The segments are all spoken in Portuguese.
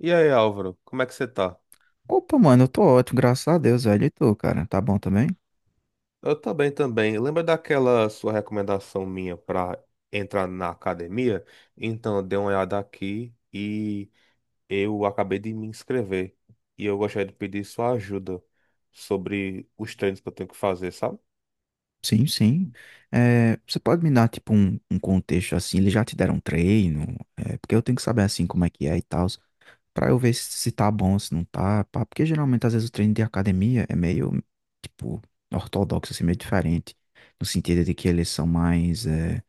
E aí, Álvaro, como é que você tá? Opa, mano, eu tô ótimo, graças a Deus, velho. E tu, cara? Tá bom também? Eu tô bem também. Lembra daquela sua recomendação minha pra entrar na academia? Então, eu dei uma olhada aqui e eu acabei de me inscrever. E eu gostaria de pedir sua ajuda sobre os treinos que eu tenho que fazer, sabe? Sim, sim. É, você pode me dar, tipo, um contexto assim? Eles já te deram treino? É, porque eu tenho que saber, assim, como é que é e tal. Pra eu ver se tá bom, se não tá, pá. Porque geralmente, às vezes, o treino de academia é meio, tipo, ortodoxo, assim, meio diferente. No sentido de que eles são mais,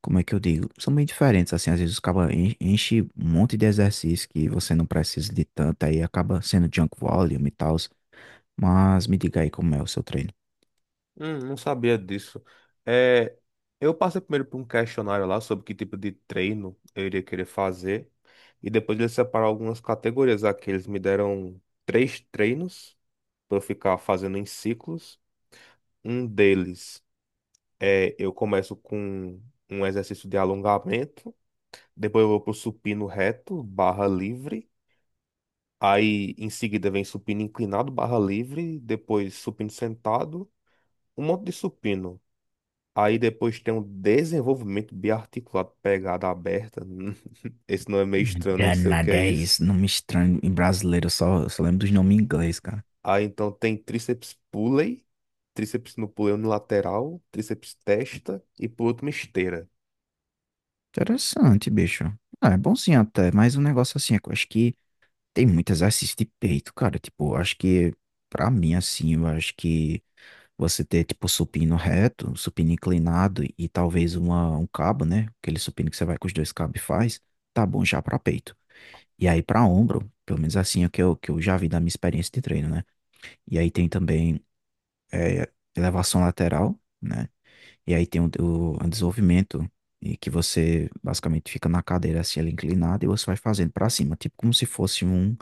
como é que eu digo? São meio diferentes, assim. Às vezes, acaba enche um monte de exercício que você não precisa de tanto, aí acaba sendo junk volume e tal. Mas me diga aí como é o seu treino. Não sabia disso. É, eu passei primeiro por um questionário lá sobre que tipo de treino eu iria querer fazer. E depois eles separaram algumas categorias aqui. Eles me deram três treinos para eu ficar fazendo em ciclos. Um deles é eu começo com um exercício de alongamento. Depois eu vou pro supino reto, barra livre. Aí em seguida vem supino inclinado, barra livre. Depois supino sentado. Um monte de supino. Aí depois tem um desenvolvimento biarticulado, pegada aberta. Esse nome é meio estranho, não sei o que Danada é é isso. isso, nome estranho em brasileiro, eu só lembro dos nomes em inglês, cara. Aí então tem tríceps pulley, tríceps no pulley unilateral, tríceps testa e por último esteira. Interessante, bicho. Ah, é bom sim até, mas um negócio assim, é que eu acho que tem muito exercício de peito, cara. Tipo, acho que, pra mim, assim, eu acho que você ter, tipo, supino reto, supino inclinado e talvez um cabo, né? Aquele supino que você vai com os dois cabos e faz, tá bom já pra peito. E aí, pra ombro, pelo menos assim é o que eu já vi da minha experiência de treino, né? E aí tem também é, elevação lateral, né? E aí tem o desenvolvimento. E que você basicamente fica na cadeira assim, ela inclinada, e você vai fazendo pra cima, tipo como se fosse um,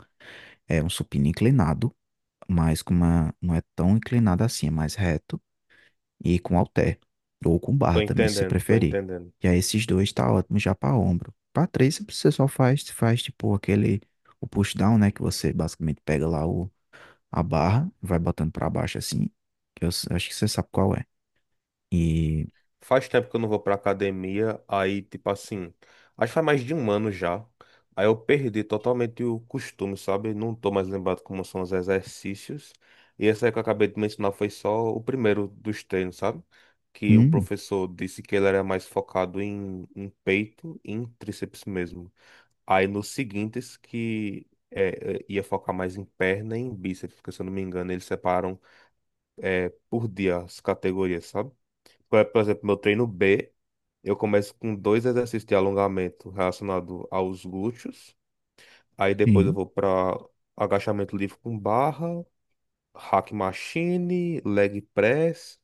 é, um supino inclinado, mas com uma, não é tão inclinada assim, é mais reto e com halter, ou com Tô barra também, se você entendendo, tô preferir. entendendo. E aí esses dois tá ótimo já para ombro. Para três você só faz, faz tipo aquele, o push down, né, que você basicamente pega lá o, a barra, vai botando para baixo assim, que eu acho que você sabe qual é. E, Faz tempo que eu não vou pra academia, aí, tipo assim, acho que faz mais de um ano já. Aí eu perdi totalmente o costume, sabe? Não tô mais lembrado como são os exercícios. E essa aí que eu acabei de mencionar foi só o primeiro dos treinos, sabe? Que o hum, professor disse que ele era mais focado em peito e em tríceps mesmo. Aí nos seguintes que ia focar mais em perna e em bíceps, porque se eu não me engano, eles separam por dia as categorias, sabe? Por exemplo, meu treino B. Eu começo com dois exercícios de alongamento relacionado aos glúteos. Aí depois eu sim, vou para agachamento livre com barra, hack machine, leg press.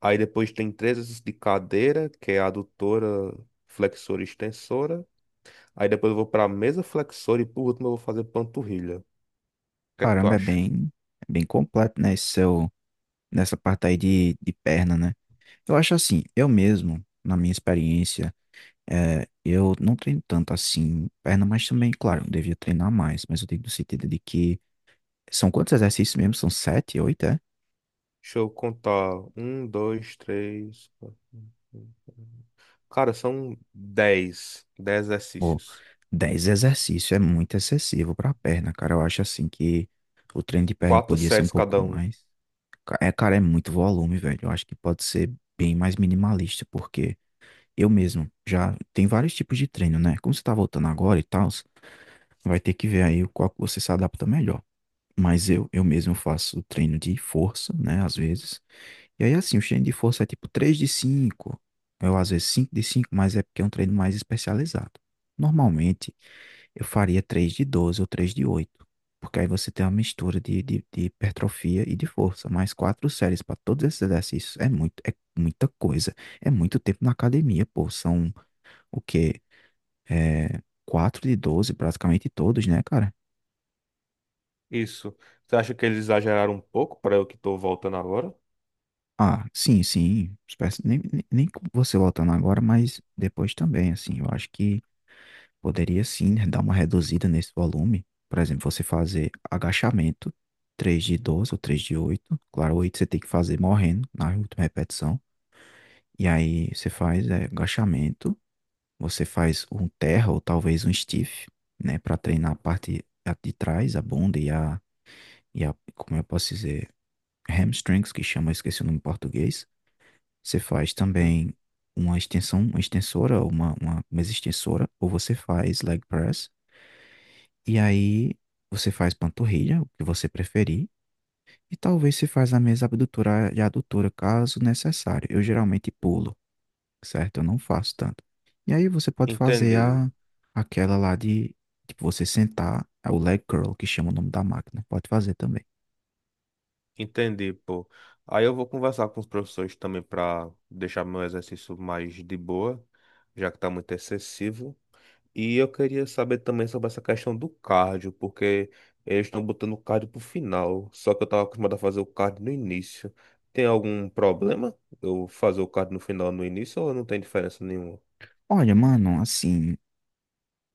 Aí depois tem três exercícios de cadeira, que é adutora, flexora e extensora. Aí depois eu vou para mesa flexora e por último eu vou fazer panturrilha. O que é que tu caramba, é acha? bem, é bem completo, né, esse seu, nessa parte aí de perna, né. Eu acho assim, eu mesmo, na minha experiência, é, eu não treino tanto assim perna, mas também, claro, eu devia treinar mais, mas eu digo no sentido de que são quantos exercícios mesmo? São 7, 8, é? Deixa eu contar. Um, dois, três, quatro, cinco. Cara, são 10. 10 Pô, exercícios. 10 exercícios é muito excessivo pra perna, cara. Eu acho assim que o treino de perna Quatro podia ser um séries pouco cada um. mais. É, cara, é muito volume, velho. Eu acho que pode ser bem mais minimalista, porque eu mesmo já tem vários tipos de treino, né? Como você tá voltando agora e tal, vai ter que ver aí qual que você se adapta melhor. Mas eu mesmo faço treino de força, né? Às vezes. E aí, assim, o treino de força é tipo 3 de 5. Eu, às vezes, 5 de 5, mas é porque é um treino mais especializado. Normalmente, eu faria 3 de 12 ou 3 de 8. Porque aí você tem uma mistura de hipertrofia e de força. Mais 4 séries para todos esses exercícios. É muito, é muita coisa. É muito tempo na academia, pô. São o quê? É, 4 de 12 praticamente todos, né, cara? Isso. Você acha que eles exageraram um pouco para eu que tô voltando agora? Ah, sim, sim. Nem com você voltando agora, mas depois também, assim, eu acho que poderia sim né, dar uma reduzida nesse volume. Por exemplo, você fazer agachamento, 3 de 12 ou 3 de 8. Claro, 8 você tem que fazer morrendo na última repetição. E aí você faz é, agachamento, você faz um terra ou talvez um stiff, né, para treinar a parte de trás, a bunda e a, como eu posso dizer, hamstrings, que chama, eu esqueci o nome em português. Você faz Hum. também uma extensão, uma extensora, ou uma mesa extensora, ou você faz leg press, e aí você faz panturrilha, o que você preferir, e talvez se faz a mesa abdutora e adutora, caso necessário. Eu geralmente pulo, certo? Eu não faço tanto. E aí você pode fazer Entendi. a, aquela lá de, tipo, você sentar, é o leg curl, que chama o nome da máquina. Pode fazer também. Entendi, pô. Aí eu vou conversar com os professores também para deixar meu exercício mais de boa, já que tá muito excessivo. E eu queria saber também sobre essa questão do cardio, porque eles estão botando o cardio pro final, só que eu tava acostumado a fazer o cardio no início. Tem algum problema eu fazer o cardio no final no início ou não tem diferença nenhuma? Olha, mano, assim.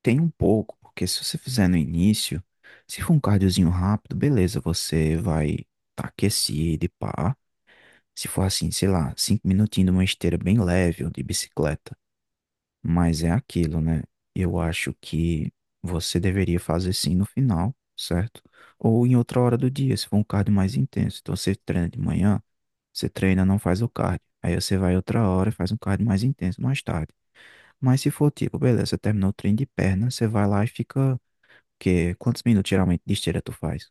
Tem um pouco, porque se você fizer no início, se for um cardiozinho rápido, beleza, você vai tá aquecido e pá. Se for assim, sei lá, 5 minutinhos de uma esteira bem leve ou de bicicleta. Mas é aquilo, né? Eu acho que você deveria fazer sim no final, certo? Ou em outra hora do dia, se for um cardio mais intenso. Então você treina de manhã, você treina, não faz o cardio. Aí você vai outra hora e faz um cardio mais intenso mais tarde. Mas se for tipo, beleza, você terminou o treino de perna, você vai lá e fica quantos minutos geralmente de esteira tu faz?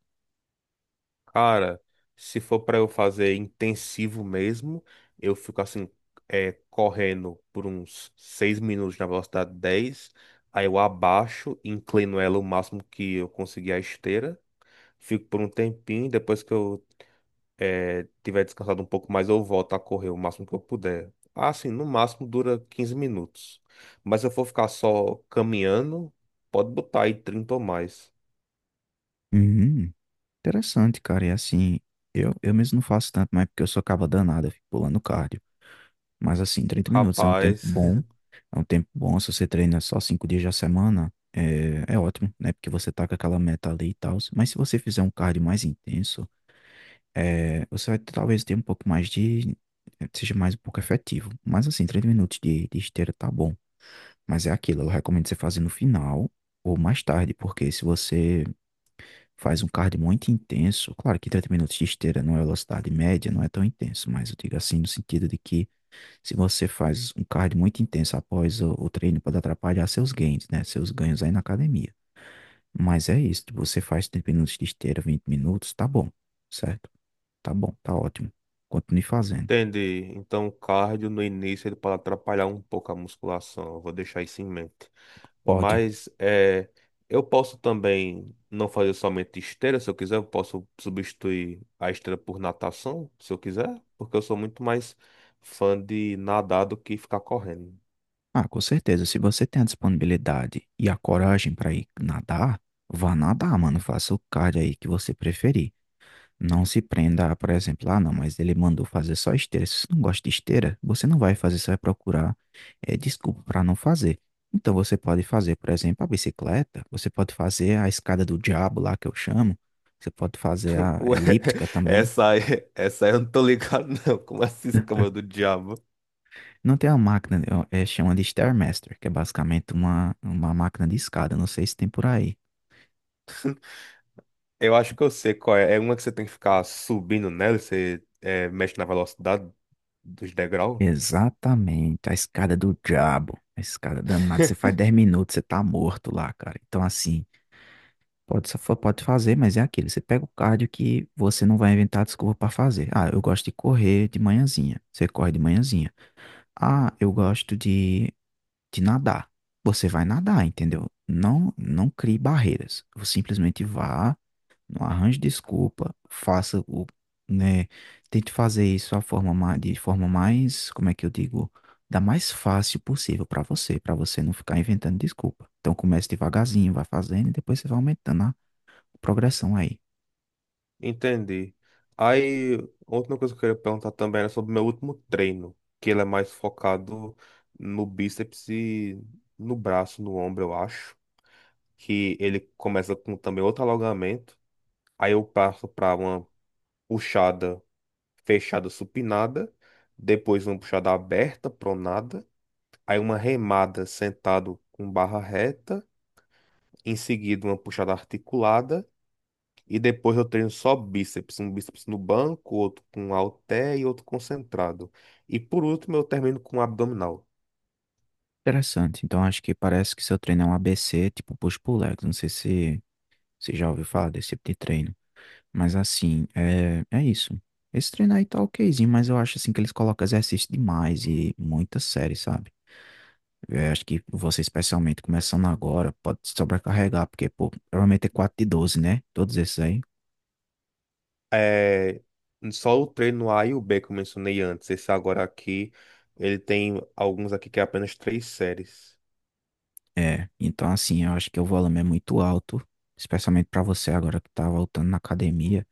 Cara, se for pra eu fazer intensivo mesmo, eu fico assim, é, correndo por uns 6 minutos na velocidade 10, aí eu abaixo, inclino ela o máximo que eu conseguir a esteira, fico por um tempinho, depois que eu tiver descansado um pouco mais, eu volto a correr o máximo que eu puder. Assim, no máximo dura 15 minutos. Mas se eu for ficar só caminhando, pode botar aí 30 ou mais. Uhum, interessante, cara. E assim, eu mesmo não faço tanto, mas porque eu sou caba danada, eu fico pulando cardio. Mas assim, 30 minutos é um tempo Rapaz. bom. É um tempo bom. Se você treina só 5 dias da semana, é ótimo, né? Porque você tá com aquela meta ali e tal. Mas se você fizer um cardio mais intenso, é, você vai talvez ter um pouco mais de. Seja mais um pouco efetivo. Mas assim, 30 minutos de esteira tá bom. Mas é aquilo, eu recomendo você fazer no final ou mais tarde, porque se você faz um cardio muito intenso. Claro que 30 minutos de esteira não é velocidade média, não é tão intenso, mas eu digo assim no sentido de que se você faz um cardio muito intenso após o treino, pode atrapalhar seus gains, né? Seus ganhos aí na academia. Mas é isso, tipo, você faz 30 minutos de esteira, 20 minutos, tá bom, certo? Tá bom, tá ótimo. Continue fazendo. Entendi. Então, o cardio no início ele pode atrapalhar um pouco a musculação. Eu vou deixar isso em mente. Pode. Mas é, eu posso também não fazer somente esteira, se eu quiser, eu posso substituir a esteira por natação, se eu quiser, porque eu sou muito mais fã de nadar do que ficar correndo. Ah, com certeza, se você tem a disponibilidade e a coragem para ir nadar, vá nadar, mano. Faça o cardio aí que você preferir. Não se prenda a, por exemplo, ah, não, mas ele mandou fazer só esteira. Se você não gosta de esteira, você não vai fazer, você vai procurar desculpa para não fazer. Então você pode fazer, por exemplo, a bicicleta, você pode fazer a escada do diabo lá que eu chamo, você pode fazer a Ué, elíptica também. essa aí, essa aí eu não tô ligado, não. Como essa escama do diabo? Não tem uma máquina, chama de Stairmaster, que é basicamente uma máquina de escada, não sei se tem por aí. Eu acho que eu sei qual é. É uma que você tem que ficar subindo nela, e você mexe na velocidade dos degraus. Exatamente, a escada do diabo, a escada danada. Você faz 10 minutos, você tá morto lá, cara. Então, assim. Pode, pode fazer, mas é aquilo. Você pega o cardio que você não vai inventar desculpa para fazer. Ah, eu gosto de correr de manhãzinha. Você corre de manhãzinha. Ah, eu gosto de nadar. Você vai nadar, entendeu? Não, não crie barreiras. Você simplesmente vá, não arranje desculpa, faça o, né, tente fazer isso de forma mais, como é que eu digo, da mais fácil possível para você não ficar inventando desculpa. Então comece devagarzinho, vai fazendo e depois você vai aumentando progressão aí. Entendi. Aí, outra coisa que eu queria perguntar também era sobre o meu último treino, que ele é mais focado no bíceps e no braço, no ombro, eu acho. Que ele começa com também outro alongamento. Aí eu passo para uma puxada fechada supinada, depois uma puxada aberta, pronada, aí uma remada sentado com barra reta, em seguida uma puxada articulada. E depois eu treino só bíceps, um bíceps no banco, outro com halter e outro concentrado. E por último eu termino com abdominal. Interessante. Então acho que parece que seu treino é um ABC, tipo push pull legs. Não sei se você já ouviu falar desse tipo de treino. Mas assim, é isso. Esse treino aí tá okzinho, mas eu acho assim que eles colocam exercício demais e muita série, sabe? Eu acho que você, especialmente começando agora, pode se sobrecarregar, porque, pô, provavelmente é 4 de 12 né? Todos esses aí. É, só o treino A e o B que eu mencionei antes. Esse agora aqui, ele tem alguns aqui que é apenas três séries. É. Então, assim, eu acho que o volume é muito alto, especialmente pra você agora que tá voltando na academia.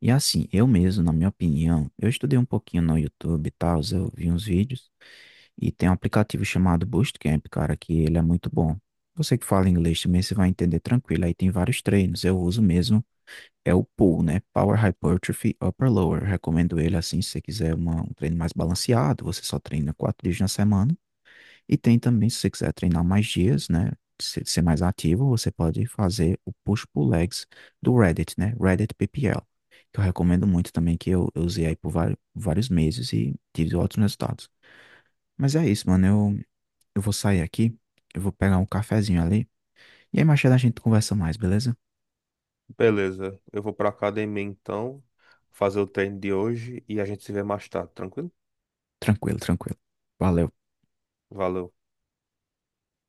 E assim, eu mesmo, na minha opinião, eu estudei um pouquinho no YouTube e tal, eu vi uns vídeos, e tem um aplicativo chamado Bootcamp, cara, que ele é muito bom. Você que fala inglês também, você vai entender tranquilo, aí tem vários treinos, eu uso mesmo, é o PUL, né? Power Hypertrophy Upper Lower, recomendo ele assim, se você quiser um treino mais balanceado, você só treina 4 dias na semana, e tem também, se você quiser treinar mais dias, né? Ser mais ativo, você pode fazer o push-pull legs do Reddit, né? Reddit PPL, que eu recomendo muito também, que eu usei aí por vários, vários meses e tive ótimos resultados. Mas é isso, mano. Eu vou sair aqui, eu vou pegar um cafezinho ali, e aí mais tarde a gente conversa mais, beleza? Beleza, eu vou pra academia então, fazer o treino de hoje e a gente se vê mais tarde, tranquilo? Tranquilo, tranquilo. Valeu. Valeu.